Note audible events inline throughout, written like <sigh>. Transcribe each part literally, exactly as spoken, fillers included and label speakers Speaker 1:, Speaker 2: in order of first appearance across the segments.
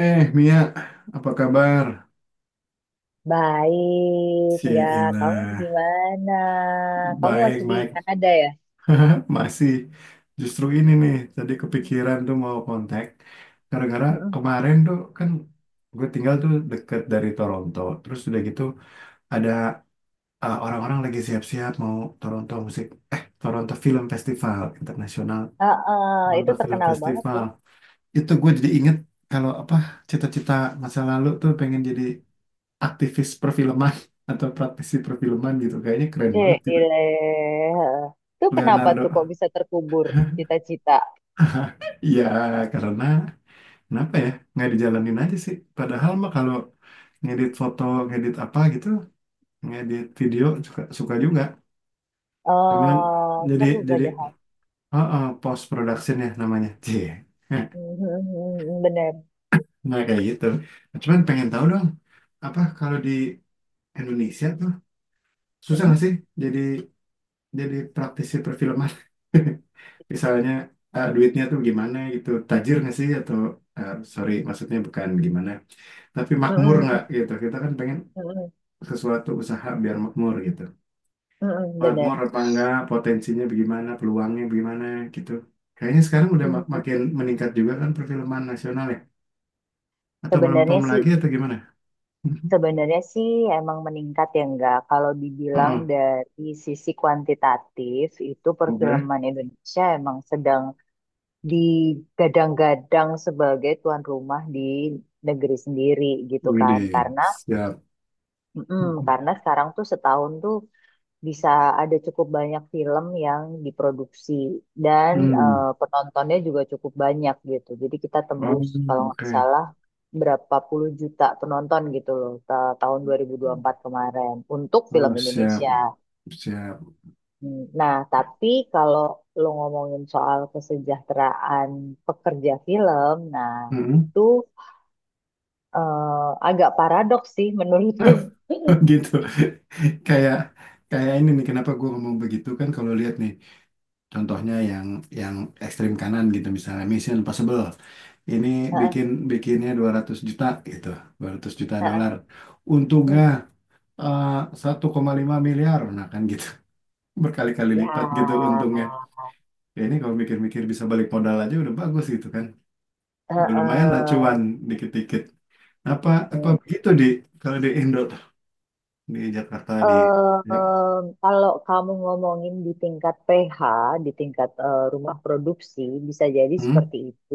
Speaker 1: Eh, Mia, apa kabar?
Speaker 2: Baik, enggak. Kamu
Speaker 1: Cielah,
Speaker 2: gimana? Kamu masih di
Speaker 1: baik-baik.
Speaker 2: Kanada ya?
Speaker 1: Masih justru ini nih, tadi kepikiran tuh mau kontak. Gara-gara
Speaker 2: Mm-mm.
Speaker 1: kemarin tuh kan gue tinggal tuh deket dari Toronto. Terus udah gitu ada eh, orang-orang lagi siap-siap mau Toronto Musik, eh Toronto Film Festival Internasional.
Speaker 2: Ah, ah, itu
Speaker 1: Toronto Film
Speaker 2: terkenal banget
Speaker 1: Festival.
Speaker 2: tuh.
Speaker 1: Itu gue
Speaker 2: Mm-mm.
Speaker 1: jadi inget kalau apa cita-cita masa lalu tuh pengen jadi aktivis perfilman <laughs> atau praktisi perfilman gitu, kayaknya keren banget gitu.
Speaker 2: Gile. Itu kenapa tuh kok
Speaker 1: Leonardo.
Speaker 2: bisa terkubur cita-cita?
Speaker 1: <laughs> Ya, karena kenapa ya nggak dijalanin aja sih, padahal mah kalau ngedit foto, ngedit apa gitu, ngedit video suka suka juga. Cuman
Speaker 2: Oh,
Speaker 1: jadi
Speaker 2: seru
Speaker 1: jadi
Speaker 2: padahal.
Speaker 1: oh, oh, post production ya namanya, Cie.
Speaker 2: Mhm, bener.
Speaker 1: <laughs> Nah kayak gitu, cuman pengen tahu dong, apa kalau di Indonesia tuh susah nggak
Speaker 2: Mhm,
Speaker 1: sih jadi jadi praktisi perfilman. <laughs> Misalnya eh, duitnya tuh gimana gitu, tajir nggak sih, atau eh, sorry maksudnya bukan gimana, tapi makmur
Speaker 2: mhm,
Speaker 1: nggak gitu. Kita kan pengen
Speaker 2: mhm,
Speaker 1: sesuatu usaha biar makmur gitu,
Speaker 2: mhm, bener.
Speaker 1: makmur apa enggak, potensinya bagaimana, peluangnya bagaimana gitu. Kayaknya sekarang udah mak-
Speaker 2: Mhm.
Speaker 1: makin meningkat juga kan perfilman nasional ya, atau melempem
Speaker 2: Sebenarnya sih
Speaker 1: lagi atau gimana. <laughs>
Speaker 2: Sebenarnya sih emang meningkat ya enggak. Kalau dibilang
Speaker 1: Heeh,
Speaker 2: dari sisi kuantitatif itu
Speaker 1: oke.
Speaker 2: perfilman Indonesia emang sedang digadang-gadang sebagai tuan rumah di negeri sendiri gitu kan.
Speaker 1: Widi,
Speaker 2: Karena
Speaker 1: siap.
Speaker 2: mm, karena
Speaker 1: <laughs>
Speaker 2: sekarang tuh setahun tuh bisa ada cukup banyak film yang diproduksi dan eh,
Speaker 1: Hmm.
Speaker 2: penontonnya juga cukup banyak gitu. Jadi kita tembus
Speaker 1: Oh,
Speaker 2: kalau nggak
Speaker 1: oke.
Speaker 2: salah berapa puluh juta penonton gitu loh ta- tahun dua ribu dua puluh empat kemarin untuk film
Speaker 1: Oh, siap,
Speaker 2: Indonesia.
Speaker 1: siap.
Speaker 2: Hmm, nah, tapi kalau lo ngomongin soal kesejahteraan pekerja film, nah
Speaker 1: Hmm.
Speaker 2: itu eh, agak paradoks sih menurutku. <laughs>
Speaker 1: Oh, gitu. <laughs> kayak kayak ini nih kenapa gue ngomong begitu kan, kalau lihat nih contohnya yang yang ekstrim kanan gitu, misalnya Mission Impossible ini,
Speaker 2: Heeh,
Speaker 1: bikin bikinnya dua ratus juta gitu, dua ratus juta
Speaker 2: heeh.
Speaker 1: dolar untungnya
Speaker 2: Hmm.
Speaker 1: eh, satu koma lima miliar. Nah kan gitu, <laughs> berkali-kali
Speaker 2: Ya,
Speaker 1: lipat gitu untungnya. Ya ini kalau mikir-mikir bisa balik modal aja udah bagus gitu kan, udah lumayan lah
Speaker 2: heeh.
Speaker 1: cuan dikit-dikit apa apa begitu. Di kalau di Indo tuh, di Jakarta di, ya.
Speaker 2: Eh, kalau kamu ngomongin di tingkat pH, di tingkat eh, rumah produksi, bisa jadi
Speaker 1: Hmm?
Speaker 2: seperti itu.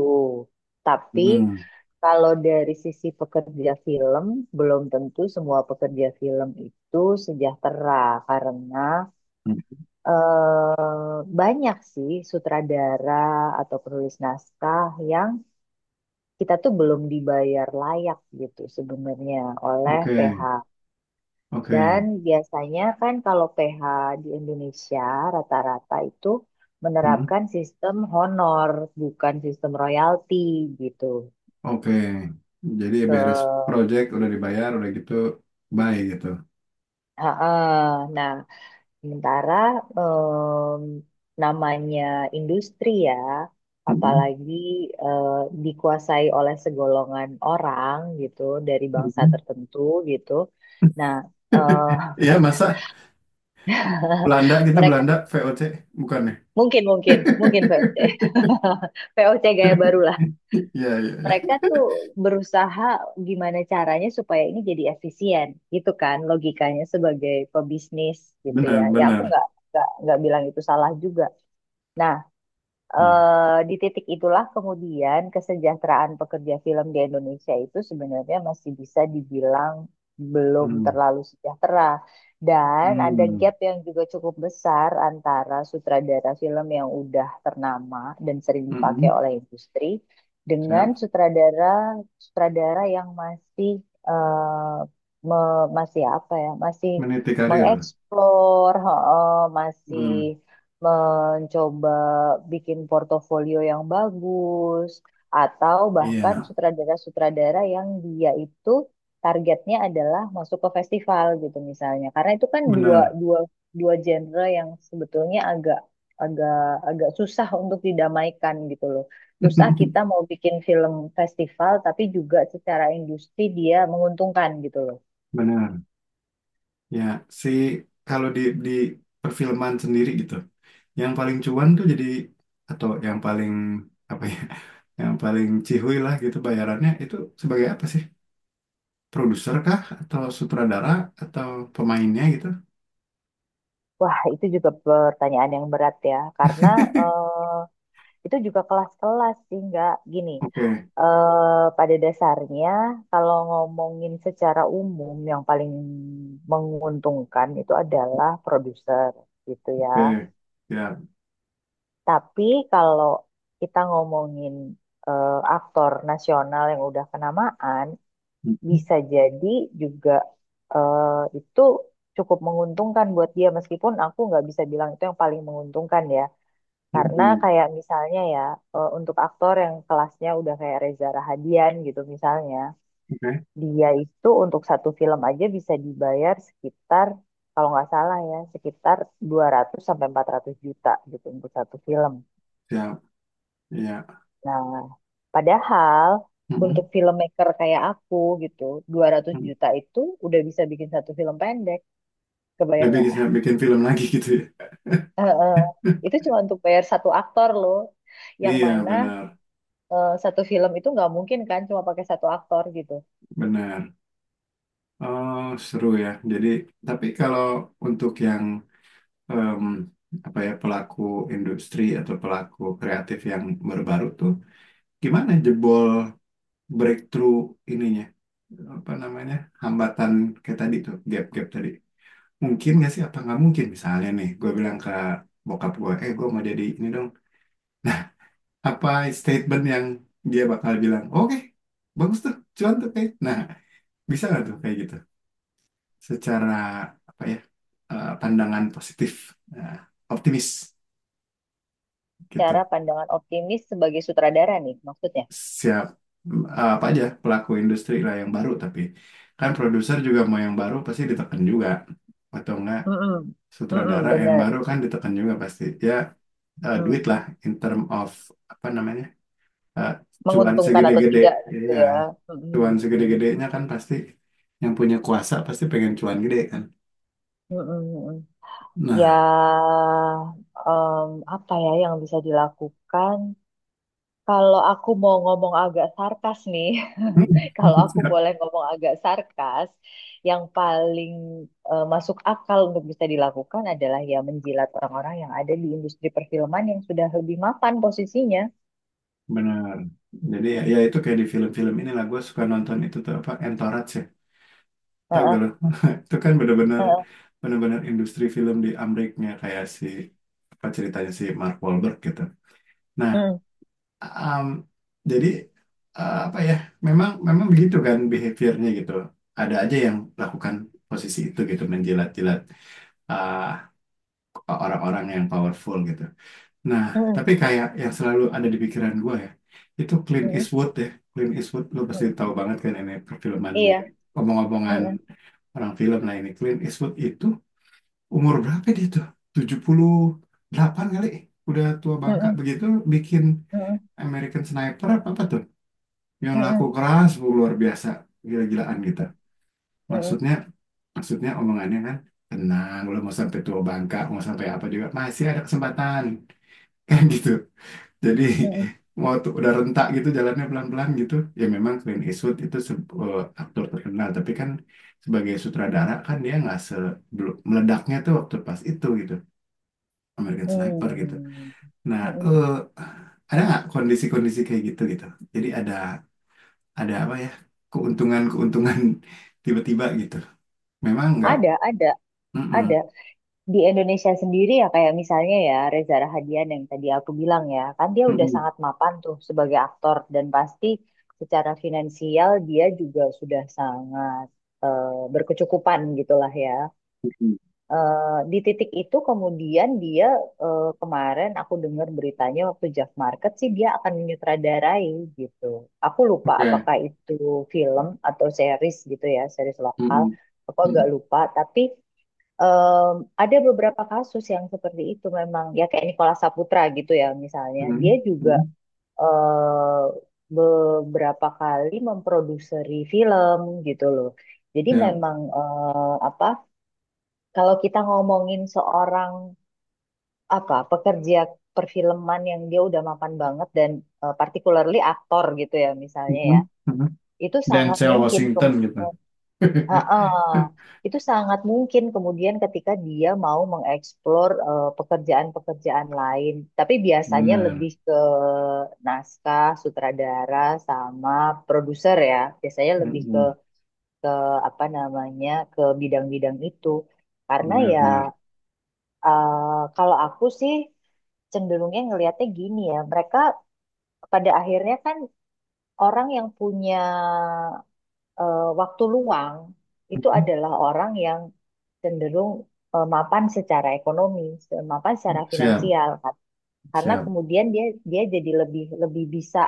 Speaker 2: Tapi
Speaker 1: Hmm,
Speaker 2: kalau dari sisi pekerja film, belum tentu semua pekerja film itu sejahtera karena
Speaker 1: hmm.
Speaker 2: banyak sih sutradara atau penulis naskah yang kita tuh belum dibayar layak gitu sebenarnya oleh
Speaker 1: Oke,
Speaker 2: P H. Dan
Speaker 1: oke,
Speaker 2: biasanya kan kalau P H di Indonesia rata-rata itu
Speaker 1: hmm,
Speaker 2: menerapkan sistem honor, bukan sistem royalti gitu.
Speaker 1: oke. Jadi
Speaker 2: Ke
Speaker 1: beres project udah dibayar udah gitu, bye gitu.
Speaker 2: Heeh. Nah, sementara em, namanya industri ya,
Speaker 1: Hmm,
Speaker 2: apalagi eh, dikuasai oleh segolongan orang gitu dari bangsa
Speaker 1: hmm.
Speaker 2: tertentu gitu. Nah, eh,
Speaker 1: <laughs> Iya masa
Speaker 2: <laughs>
Speaker 1: Belanda gitu,
Speaker 2: mereka
Speaker 1: Belanda V O C bukannya?
Speaker 2: mungkin mungkin mungkin Pak.
Speaker 1: <laughs>
Speaker 2: <laughs> V O C gaya baru lah.
Speaker 1: Iya, iya, iya.
Speaker 2: Mereka tuh berusaha gimana caranya supaya ini jadi efisien, gitu kan logikanya sebagai pebisnis gitu ya.
Speaker 1: Benar,
Speaker 2: Ya aku
Speaker 1: benar.
Speaker 2: nggak nggak nggak bilang itu salah juga. Nah,
Speaker 1: Hmm,
Speaker 2: eh, di titik itulah kemudian kesejahteraan pekerja film di Indonesia itu sebenarnya masih bisa dibilang belum
Speaker 1: hmm,
Speaker 2: terlalu sejahtera. Dan ada
Speaker 1: hmm,
Speaker 2: gap yang juga cukup besar antara sutradara film yang udah ternama dan sering dipakai
Speaker 1: hmm.
Speaker 2: oleh industri dengan
Speaker 1: Siap.
Speaker 2: sutradara sutradara yang masih eh, me- masih apa ya, masih
Speaker 1: Meniti karir.
Speaker 2: mengeksplor, heeh, masih
Speaker 1: Hmm,
Speaker 2: mencoba bikin portofolio yang bagus, atau
Speaker 1: iya
Speaker 2: bahkan sutradara-sutradara yang dia itu targetnya adalah masuk ke festival gitu misalnya. Karena itu kan dua
Speaker 1: benar.
Speaker 2: dua dua genre yang sebetulnya agak agak agak susah untuk didamaikan gitu loh. Susah kita
Speaker 1: <laughs>
Speaker 2: mau bikin film festival tapi juga secara industri dia menguntungkan gitu loh.
Speaker 1: Benar. Ya, si kalau di di perfilman sendiri gitu, yang paling cuan tuh jadi, atau yang paling apa ya, <laughs> yang paling cihuy lah gitu bayarannya itu, sebagai apa sih? Produser kah, atau sutradara, atau pemainnya gitu?
Speaker 2: Wah, itu juga pertanyaan yang berat ya, karena
Speaker 1: <laughs>
Speaker 2: eh, itu juga kelas-kelas sih, nggak gini.
Speaker 1: Oke,
Speaker 2: Eh, pada dasarnya, kalau ngomongin secara umum, yang paling menguntungkan itu adalah produser, gitu ya.
Speaker 1: oke, ya,
Speaker 2: Tapi kalau kita ngomongin eh, aktor nasional yang udah kenamaan,
Speaker 1: mm-hmm,
Speaker 2: bisa jadi juga eh, itu cukup menguntungkan buat dia, meskipun aku nggak bisa bilang itu yang paling menguntungkan ya. Karena
Speaker 1: mm-hmm,
Speaker 2: kayak misalnya ya, eh, untuk aktor yang kelasnya udah kayak Reza Rahadian gitu misalnya,
Speaker 1: oke,
Speaker 2: dia itu untuk satu film aja bisa dibayar sekitar, kalau nggak salah ya, sekitar dua ratus sampai empat ratus juta gitu untuk satu film.
Speaker 1: ya, ya.
Speaker 2: Nah, padahal untuk
Speaker 1: Mm-mm.
Speaker 2: filmmaker kayak aku gitu, dua ratus
Speaker 1: Mm.
Speaker 2: juta itu udah bisa bikin satu film pendek. Kebayang
Speaker 1: Jadi
Speaker 2: nggak?
Speaker 1: bisa
Speaker 2: <laughs>
Speaker 1: bikin film lagi gitu ya?
Speaker 2: Eh, eh. Itu cuma untuk bayar satu aktor loh
Speaker 1: <laughs>
Speaker 2: yang
Speaker 1: Iya,
Speaker 2: mana
Speaker 1: benar,
Speaker 2: eh, satu film itu nggak mungkin kan cuma pakai satu aktor gitu.
Speaker 1: benar. Oh, seru ya. Jadi, tapi kalau untuk yang em, apa ya, pelaku industri atau pelaku kreatif yang baru-baru tuh, gimana jebol, breakthrough ininya? Apa namanya? Hambatan kayak tadi tuh, gap-gap tadi. Mungkin nggak sih? Apa nggak mungkin? Misalnya nih, gue bilang ke bokap gue, eh gue mau jadi ini dong. Nah, <laughs> apa statement yang dia bakal bilang, oke, bagus tuh, cuan tuh kayak. Nah, bisa nggak tuh kayak gitu? Secara apa ya? Eh, pandangan positif, nah, optimis gitu.
Speaker 2: Cara pandangan optimis sebagai sutradara nih maksudnya.
Speaker 1: Siap. Eh, apa aja pelaku industri lah yang baru, tapi kan produser juga mau yang baru pasti ditekan juga atau enggak,
Speaker 2: Mm-mm.
Speaker 1: sutradara
Speaker 2: Mm-mm,
Speaker 1: yang
Speaker 2: benar.
Speaker 1: baru kan ditekan juga pasti ya, eh, duit
Speaker 2: Mm.
Speaker 1: lah, in term of apa namanya, eh, cuan
Speaker 2: Menguntungkan atau
Speaker 1: segede-gede
Speaker 2: tidak gitu
Speaker 1: ya,
Speaker 2: ya. Mm-mm.
Speaker 1: cuan
Speaker 2: Mm-mm.
Speaker 1: segede-gedenya kan pasti yang punya kuasa pasti pengen cuan gede kan.
Speaker 2: Mm-mm. Mm-mm. Ya,
Speaker 1: Nah.
Speaker 2: em, apa ya yang bisa dilakukan? Kalau aku mau ngomong agak sarkas nih, <laughs> kalau aku
Speaker 1: <laughs>
Speaker 2: boleh ngomong agak sarkas, yang paling eh, masuk akal untuk bisa dilakukan adalah ya menjilat orang-orang yang ada di industri perfilman yang sudah lebih mapan posisinya.
Speaker 1: Benar. Jadi ya, ya itu kayak di film-film inilah gue suka nonton itu tuh, apa, Entourage ya. Tahu gak
Speaker 2: Heeh,
Speaker 1: lo? <laughs> Itu kan bener-bener
Speaker 2: heeh,
Speaker 1: bener-bener industri film di Ameriknya, kayak si apa ceritanya si Mark Wahlberg gitu. Nah,
Speaker 2: mm,
Speaker 1: um, jadi uh, apa ya? Memang memang begitu kan behaviornya gitu. Ada aja yang lakukan posisi itu gitu, menjilat-jilat uh, orang-orang yang powerful gitu. Nah,
Speaker 2: mm,
Speaker 1: tapi kayak yang selalu ada di pikiran gue ya, itu Clint
Speaker 2: mm,
Speaker 1: Eastwood ya. Clint Eastwood, lo pasti
Speaker 2: mm.
Speaker 1: tahu banget kan ini perfilman
Speaker 2: Iya.
Speaker 1: begini. Omong-omongan
Speaker 2: Mm,
Speaker 1: orang film, nah ini Clint Eastwood itu umur berapa dia tuh? Tujuh puluh delapan kali? Udah tua bangka
Speaker 2: mm,
Speaker 1: begitu bikin
Speaker 2: mm,
Speaker 1: American Sniper apa, apa tuh? Yang
Speaker 2: mm,
Speaker 1: laku
Speaker 2: mm,
Speaker 1: keras, bu, luar biasa, gila-gilaan gitu.
Speaker 2: mm, mm, mm,
Speaker 1: Maksudnya, maksudnya omongannya kan, tenang, lo mau sampai tua bangka, mau sampai apa juga, masih ada kesempatan. <laughs> Kan gitu. Jadi
Speaker 2: mm, mm.
Speaker 1: <laughs> mau tuh udah rentak gitu jalannya pelan-pelan gitu. Ya memang Clint Eastwood itu se- eh, aktor terkenal, tapi kan sebagai sutradara kan dia nggak se belum- meledaknya tuh waktu pas itu gitu, American
Speaker 2: Hmm,
Speaker 1: Sniper gitu. Nah,
Speaker 2: mm, mm.
Speaker 1: eh ada nggak kondisi-kondisi kayak gitu gitu? Jadi ada ada apa ya, keuntungan-keuntungan <laughs> tiba-tiba gitu. Memang nggak.
Speaker 2: Ada, ada,
Speaker 1: Mm-mm.
Speaker 2: ada. Di Indonesia sendiri ya kayak misalnya ya Reza Rahadian yang tadi aku bilang ya kan dia udah
Speaker 1: Mm-mm.
Speaker 2: sangat mapan tuh sebagai aktor dan pasti secara finansial dia juga sudah sangat eh, berkecukupan gitulah ya.
Speaker 1: Mm-mm.
Speaker 2: Eh, di titik itu kemudian dia eh, kemarin aku dengar beritanya waktu Jack Market sih dia akan menyutradarai gitu. Aku lupa
Speaker 1: Oke.
Speaker 2: apakah itu film atau series gitu ya, series lokal.
Speaker 1: Mm-mm.
Speaker 2: Aku agak
Speaker 1: Mm-mm.
Speaker 2: lupa tapi Em, ada beberapa kasus yang seperti itu memang ya kayak Nikola Saputra gitu ya misalnya dia
Speaker 1: Mm-mm.
Speaker 2: juga
Speaker 1: Mm-mm.
Speaker 2: eh, beberapa kali memproduseri film gitu loh jadi
Speaker 1: Ya.
Speaker 2: memang eh, apa kalau kita ngomongin seorang apa pekerja perfilman yang dia udah mapan banget dan eh, particularly aktor gitu ya misalnya
Speaker 1: Mm-mm.
Speaker 2: ya
Speaker 1: Mm-mm.
Speaker 2: itu sangat
Speaker 1: Denzel
Speaker 2: mungkin
Speaker 1: Washington gitu.
Speaker 2: kemungkinan
Speaker 1: <laughs>
Speaker 2: Ha-ah. Itu sangat mungkin kemudian ketika dia mau mengeksplor eh, pekerjaan-pekerjaan lain, tapi biasanya
Speaker 1: Benar.
Speaker 2: lebih ke naskah, sutradara, sama produser ya. Biasanya lebih ke
Speaker 1: Mm-mm.
Speaker 2: ke apa namanya ke bidang-bidang itu. Karena ya
Speaker 1: Benar, benar.
Speaker 2: eh, kalau aku sih cenderungnya ngelihatnya gini ya, mereka pada akhirnya kan orang yang punya eh, waktu luang itu adalah orang yang cenderung eh, mapan secara ekonomi, mapan secara
Speaker 1: Siap,
Speaker 2: finansial kan. Karena
Speaker 1: siap.
Speaker 2: kemudian dia dia jadi lebih lebih bisa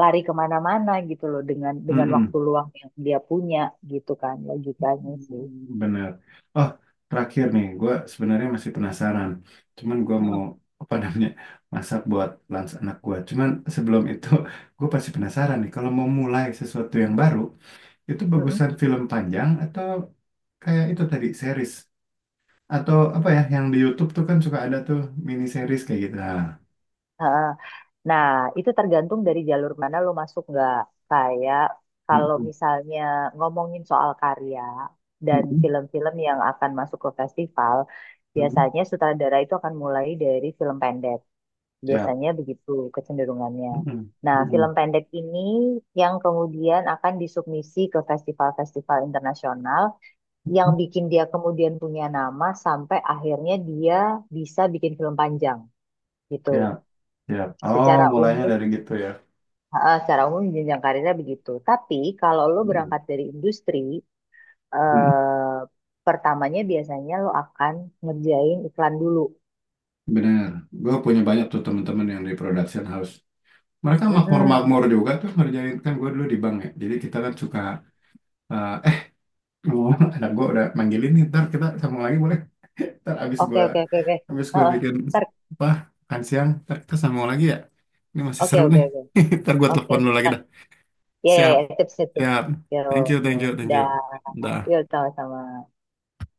Speaker 2: lari kemana-mana gitu loh dengan dengan
Speaker 1: Mm-mm.
Speaker 2: waktu luang yang dia punya gitu kan logikanya sih.
Speaker 1: Benar. Oh, terakhir nih, gue sebenarnya masih penasaran. Cuman gue mau,
Speaker 2: Mm-mm.
Speaker 1: apa namanya, masak buat lunch anak gue. Cuman sebelum itu, <laughs> gue pasti penasaran nih. Kalau mau mulai sesuatu yang baru, itu
Speaker 2: Mm-mm.
Speaker 1: bagusan film panjang atau kayak itu tadi series, atau apa ya yang di YouTube tuh kan suka ada tuh mini series kayak gitu.
Speaker 2: Heeh. Nah, itu tergantung dari jalur mana lo masuk nggak. Kayak kalau
Speaker 1: Nah.
Speaker 2: misalnya ngomongin soal karya dan
Speaker 1: Mhm,
Speaker 2: film-film yang akan masuk ke festival,
Speaker 1: mhm.
Speaker 2: biasanya sutradara itu akan mulai dari film pendek.
Speaker 1: Siap.
Speaker 2: Biasanya begitu kecenderungannya.
Speaker 1: Mhm,
Speaker 2: Nah, film
Speaker 1: mhm,
Speaker 2: pendek ini yang kemudian akan disubmisi ke festival-festival internasional yang
Speaker 1: mhm.
Speaker 2: bikin dia kemudian punya nama sampai akhirnya dia bisa bikin film panjang gitu.
Speaker 1: Siap, siap. Oh,
Speaker 2: Secara
Speaker 1: mulainya dari
Speaker 2: umum,
Speaker 1: gitu ya.
Speaker 2: eh, secara umum jenjang karirnya begitu. Tapi kalau lo
Speaker 1: Mhm,
Speaker 2: berangkat dari industri,
Speaker 1: mhm.
Speaker 2: eh, pertamanya biasanya lo akan ngerjain iklan dulu.
Speaker 1: Bener. Gue punya banyak tuh teman-teman yang di production house. Mereka
Speaker 2: Mm-mm.
Speaker 1: makmur-makmur juga tuh ngerjain. Kan gue dulu di bank ya. Jadi kita kan suka, eh eh, <laughs> ngomong, anak gue udah manggilin nih. Ntar kita sambung lagi boleh? <laughs> Ntar abis
Speaker 2: Oke,
Speaker 1: gue
Speaker 2: oke, oke, oke.
Speaker 1: abis gue
Speaker 2: Heeh.
Speaker 1: bikin
Speaker 2: Ntar,
Speaker 1: apa, makan siang. Ntar kita sambung lagi ya. Ini masih
Speaker 2: oke,
Speaker 1: seru
Speaker 2: oke,
Speaker 1: nih.
Speaker 2: oke.
Speaker 1: <laughs> Ntar gue
Speaker 2: Oke,
Speaker 1: telepon dulu lagi dah.
Speaker 2: ya, ya,
Speaker 1: Siap,
Speaker 2: ya, tips-tips.
Speaker 1: siap. Thank
Speaker 2: Yuk,
Speaker 1: you, thank you, thank you.
Speaker 2: udah. Yuk,
Speaker 1: Dah.
Speaker 2: sama-sama.